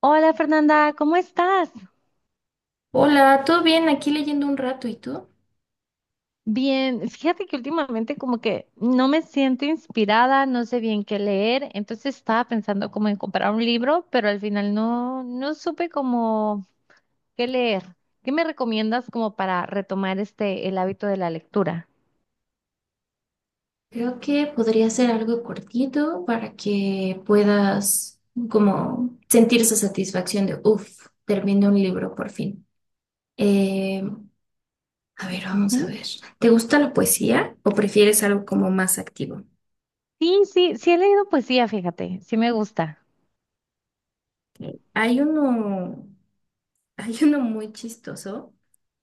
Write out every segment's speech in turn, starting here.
Hola Fernanda, ¿cómo estás? Hola, ¿todo bien? Aquí leyendo un rato, ¿y tú? Bien, fíjate que últimamente como que no me siento inspirada, no sé bien qué leer, entonces estaba pensando como en comprar un libro, pero al final no, no supe como qué leer. ¿Qué me recomiendas como para retomar este, el hábito de la lectura? Creo que podría ser algo cortito para que puedas como sentir esa satisfacción de, uff, terminé un libro por fin. Eh, a ver, vamos a Ujú. ver. ¿Te gusta la poesía o prefieres algo como más activo? Sí, sí, sí he leído poesía, fíjate, sí me gusta. Hay uno, hay uno muy chistoso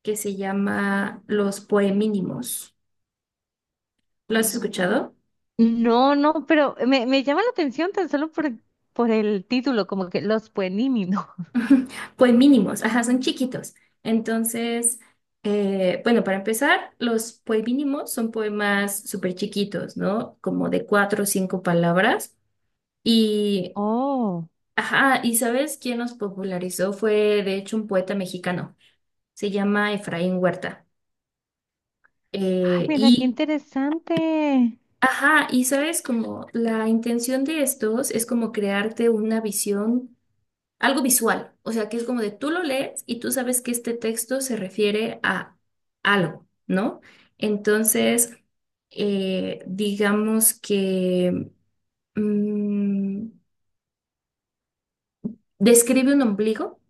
que se llama Los Poemínimos. ¿Lo has escuchado? No, no, pero me llama la atención tan solo por el título, como que Los Pueníminos. Ujú. Pues mínimos, ajá, son chiquitos. Entonces, bueno, para empezar, los pues mínimos son poemas súper chiquitos, ¿no? Como de cuatro o cinco palabras. Y Oh. ajá, ¿y sabes quién nos popularizó? Fue, de hecho, un poeta mexicano. Se llama Efraín Huerta. Ay, Eh, mira, qué y, interesante. ajá, y sabes, como la intención de estos es como crearte una visión, algo visual, o sea, que es como de tú lo lees y tú sabes que este texto se refiere a algo, ¿no? Entonces, digamos que mm, describe un ombligo,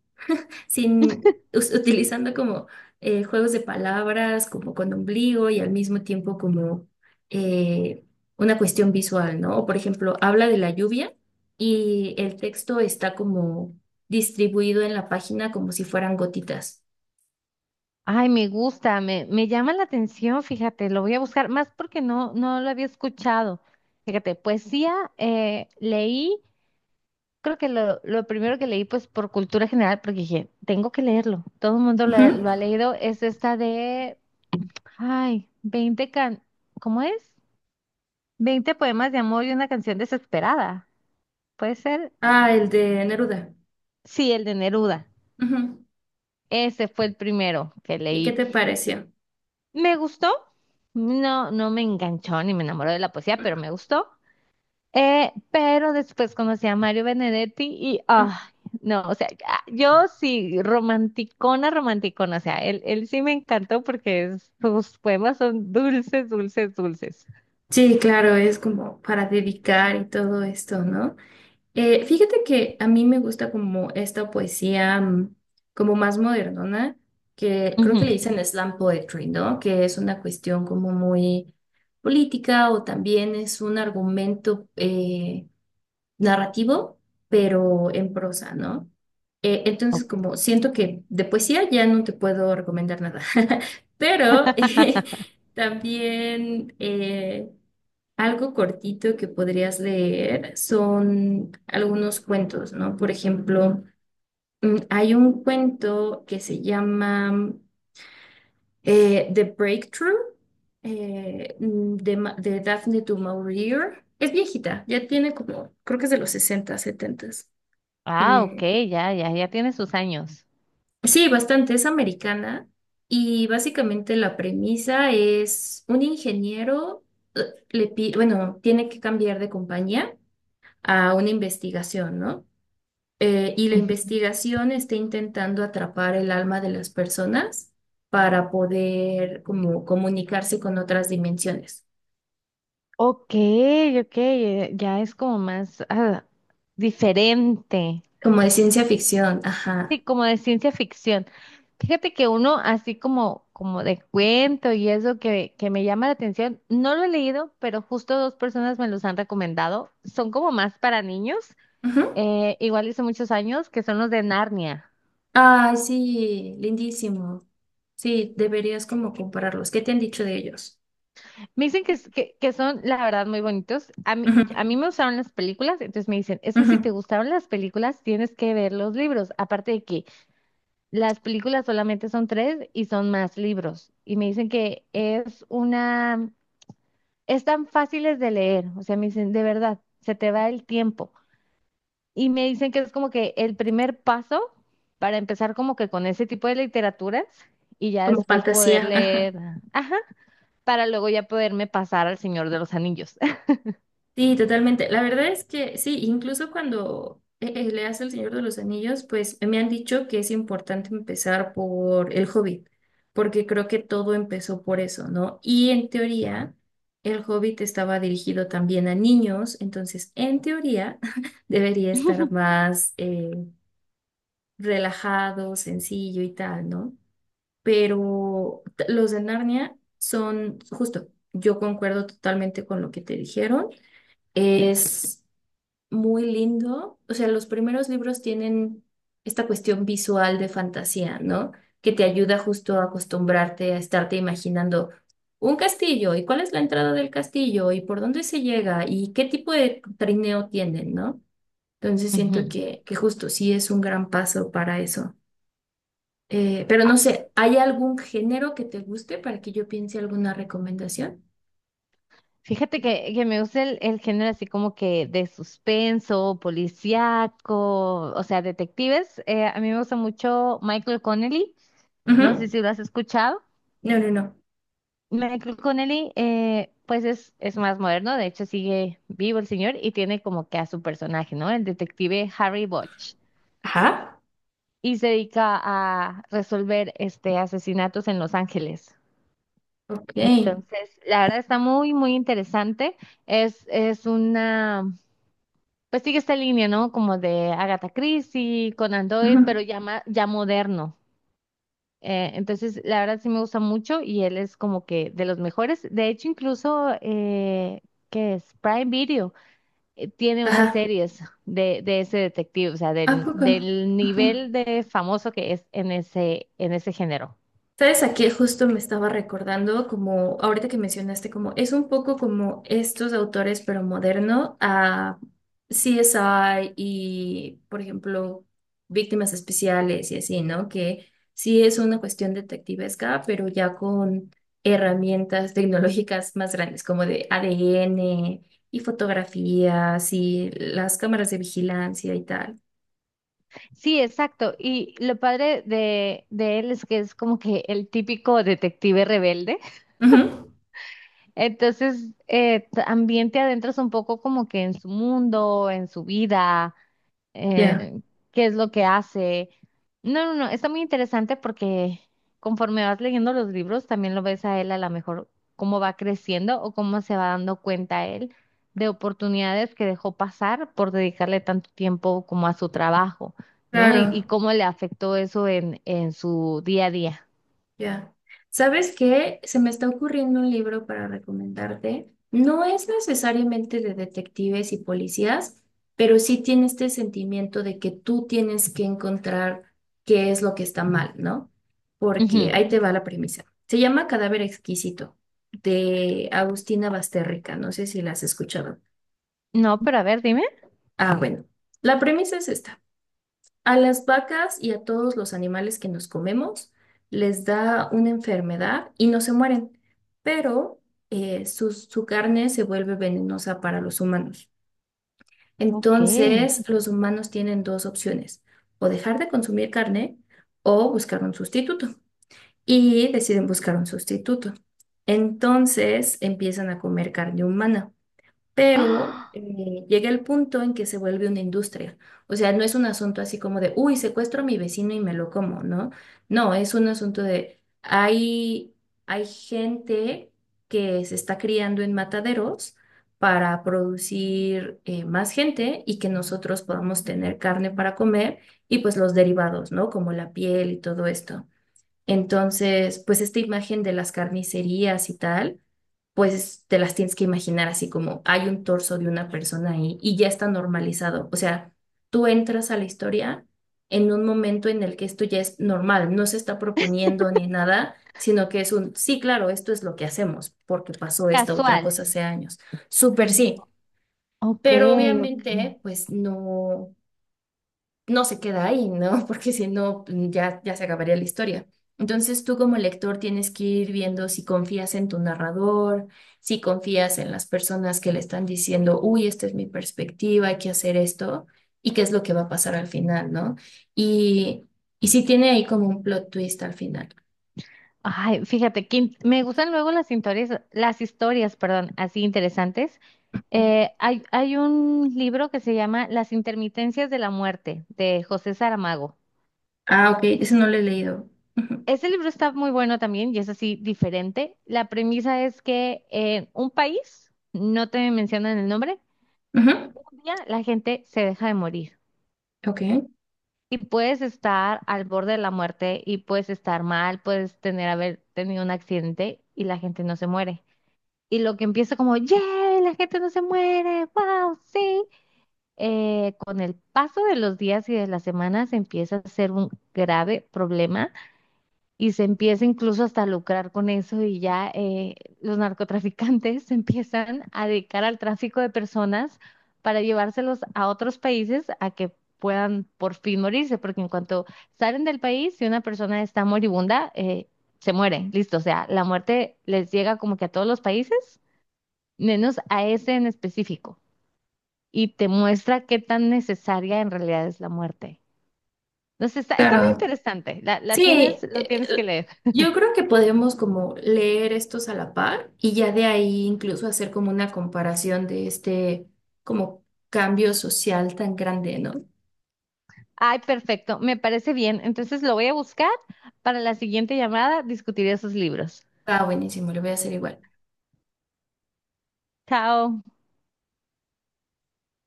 sin us- utilizando como juegos de palabras, como con ombligo y al mismo tiempo como eh, una cuestión visual, ¿no? O, por ejemplo, habla de la lluvia y el texto está como distribuido en la página como si fueran gotitas. Ay, me gusta, me llama la atención, fíjate, lo voy a buscar, más porque no, no lo había escuchado. Fíjate, poesía, leí, creo que lo primero que leí, pues por cultura general, porque dije, tengo que leerlo, todo el mundo Ujú. lo ha leído, es esta de, ay, 20 can, ¿cómo es? 20 poemas de amor y una canción desesperada. ¿Puede ser? Ah, el de Neruda. Sí, el de Neruda. Ujú. Ese fue el primero que ¿Y qué leí. te pareció? Me gustó. No, no me enganchó ni me enamoró de la poesía, pero me gustó. Pero después conocí a Mario Benedetti y, ah, no, o sea, ya- yo sí, romanticona, romanticona, o sea, él sí me encantó porque es- sus poemas son dulces, dulces, dulces. Sí, claro, es como para dedicar y todo esto, ¿no? Fíjate que a mí me gusta como esta poesía, como más modernona, que creo que le Ujú. dicen slam poetry, ¿no? Que es una cuestión como muy política, o también es un argumento narrativo, pero en prosa, ¿no? Entonces Oh. como siento que de poesía ya no te puedo recomendar nada, pero también... algo cortito que podrías leer son algunos cuentos, ¿no? Por ejemplo, hay un cuento que se llama The Breakthrough, de Daphne du Maurier. Es viejita, ya tiene como, creo que es de los 60, 70. Ah, ok, Eh, ya, ya, ya tiene sus años. sí, bastante, es americana y básicamente la premisa es un ingeniero, eh, bueno, tiene que cambiar de compañía a una investigación, ¿no? Y la Ujú. investigación está intentando atrapar el alma de las personas para poder como comunicarse con otras dimensiones, Ok, ok, ya es como más ah, diferente. como de ciencia ficción, ajá. Sí, como de ciencia ficción. Fíjate que uno así como, como de cuento y eso que me llama la atención, no lo he leído, pero justo dos personas me los han recomendado. Son como más para niños, Ujú. Igual hice muchos años, que son los de Narnia. Ay, sí, lindísimo. Sí, deberías como compararlos. ¿Qué te han dicho de ellos? Me dicen que, es- que son, la verdad, muy bonitos. Ujú, A mí me gustaron las películas, entonces me dicen, es que si te ujú. gustaron las películas, tienes que ver los libros. Aparte de que las películas solamente son tres y son más libros. Y me dicen que es una... están fáciles de leer, o sea, me dicen, de verdad, se te va el tiempo. Y me dicen que es como que el primer paso para empezar como que con ese tipo de literaturas y ya Como después poder fantasía, ajá. leer, ajá, para luego ya poderme pasar al Señor de los Anillos. Sí, totalmente. La verdad es que sí, incluso cuando leas El Señor de los Anillos, pues me han dicho que es importante empezar por El Hobbit, porque creo que todo empezó por eso, ¿no? Y en teoría, El Hobbit estaba dirigido también a niños, entonces en teoría debería estar más relajado, sencillo y tal, ¿no? Los de Narnia son, justo, yo concuerdo totalmente con lo que te dijeron. Es muy lindo. O sea, los primeros libros tienen esta cuestión visual de fantasía, ¿no? Que te ayuda justo a acostumbrarte a estarte imaginando un castillo y cuál es la entrada del castillo y por dónde se llega y qué tipo de trineo tienen, ¿no? Entonces siento Ujú. Que justo sí es un gran paso para eso. Pero no Ah, sé, ¿hay algún género que te guste para que yo piense alguna recomendación? fíjate que me gusta el género así como que de suspenso, policíaco, o sea, detectives. A mí me gusta mucho Michael Connelly, no sé Ujú. si lo has escuchado. No, no, no. Michael Connelly, pues es más moderno, de hecho sigue vivo el señor y tiene como que a su personaje, ¿no? El detective Harry Bosch Ajá. y se dedica a resolver este asesinatos en Los Ángeles. Ok. Entonces, la verdad está muy, muy interesante. Es una, pues sigue esta línea, ¿no? Como de Agatha Christie, Conan Doyle, pero Ujú. ya, ma- ya moderno. Entonces, la verdad sí me gusta mucho y él es como que de los mejores. De hecho, incluso, ¿qué es? Prime Video tiene unas Ajá. series de ese detective, o sea, ¿A del, poco? del Ajá. nivel de famoso que es en ese género. ¿Sabes? Aquí justo me estaba recordando, como ahorita que mencionaste, como es un poco como estos autores, pero moderno, a CSI y, por ejemplo, víctimas especiales y así, ¿no? Que sí es una cuestión detectivesca, pero ya con herramientas tecnológicas más grandes, como de ADN y fotografías y las cámaras de vigilancia y tal. Sí, exacto. Y lo padre de él es que es como que el típico detective rebelde. Ujú. Entonces, también te adentras un poco como que en su mundo, en su vida Ya, eh, qué es lo que hace. No, no, no, está muy interesante porque conforme vas leyendo los libros, también lo ves a él a lo mejor cómo va creciendo o cómo se va dando cuenta él de oportunidades que dejó pasar por dedicarle tanto tiempo como a su trabajo, ¿no? claro. Y cómo le afectó eso en su día a día. Ya. ¿Sabes qué? Se me está ocurriendo un libro para recomendarte. No es necesariamente de detectives y policías, pero sí tiene este sentimiento de que tú tienes que encontrar qué es lo que está mal, ¿no? Porque Ujú. ahí te va la premisa. Se llama Cadáver Exquisito, de Agustina Basterrica. No sé si la has escuchado. No, pero a ver, dime. Ah, bueno. La premisa es esta. A las vacas y a todos los animales que nos comemos les da una enfermedad y no se mueren, pero su carne se vuelve venenosa para los humanos. Ok. Entonces, los humanos tienen dos opciones, o dejar de consumir carne o buscar un sustituto. Y deciden buscar un sustituto. Entonces, empiezan a comer carne humana, pero ¡Ah! Llega el punto en que se vuelve una industria. O sea, no es un asunto así como de, uy, secuestro a mi vecino y me lo como, ¿no? No, es un asunto de, hay gente que se está criando en mataderos para producir más gente y que nosotros podamos tener carne para comer, y pues los derivados, ¿no? Como la piel y todo esto. Entonces, pues esta imagen de las carnicerías y tal, pues te las tienes que imaginar así como hay un torso de una persona ahí y ya está normalizado. O sea, tú entras a la historia en un momento en el que esto ya es normal, no se está proponiendo ni nada, sino que es un, sí, claro, esto es lo que hacemos porque pasó esta otra Casual. cosa hace años. Súper sí, Ok, pero ok. obviamente, pues no se queda ahí, ¿no? Porque si no, ya se acabaría la historia. Entonces tú como lector tienes que ir viendo si confías en tu narrador, si confías en las personas que le están diciendo, uy, esta es mi perspectiva, hay que hacer esto, y qué es lo que va a pasar al final, ¿no? Y, y si tiene ahí como un plot twist al final. Ay, fíjate, que in- me gustan luego las historias, perdón, así interesantes. Hay un libro que se llama Las intermitencias de la muerte, de José Saramago. Ah, ok, eso no lo he leído. Ujú. Ese libro está muy bueno también y es así diferente. La premisa es que en un país, no te mencionan el nombre, Ujú. un día la gente se deja de morir Ok, y puedes estar al borde de la muerte y puedes estar mal, puedes tener haber tenido un accidente y la gente no se muere. Y lo que empieza como, ¡yay! La gente no se muere, ¡wow! Sí. Con el paso de los días y de las semanas empieza a ser un grave problema y se empieza incluso hasta a lucrar con eso y ya los narcotraficantes se empiezan a dedicar al tráfico de personas para llevárselos a otros países a que puedan por fin morirse, porque en cuanto salen del país, si una persona está moribunda, se muere, listo, o sea, la muerte les llega como que a todos los países menos a ese en específico, y te muestra qué tan necesaria en realidad es la muerte. Entonces está, está muy claro. interesante, la tienes, Sí, lo tienes que leer. yo creo que podemos como leer estos a la par y ya de ahí incluso hacer como una comparación de este como cambio social tan grande, ¿no? Ay, perfecto, me parece bien. Entonces lo voy a buscar para la siguiente llamada, discutir esos libros. Ah, buenísimo, lo voy a hacer igual. Chao.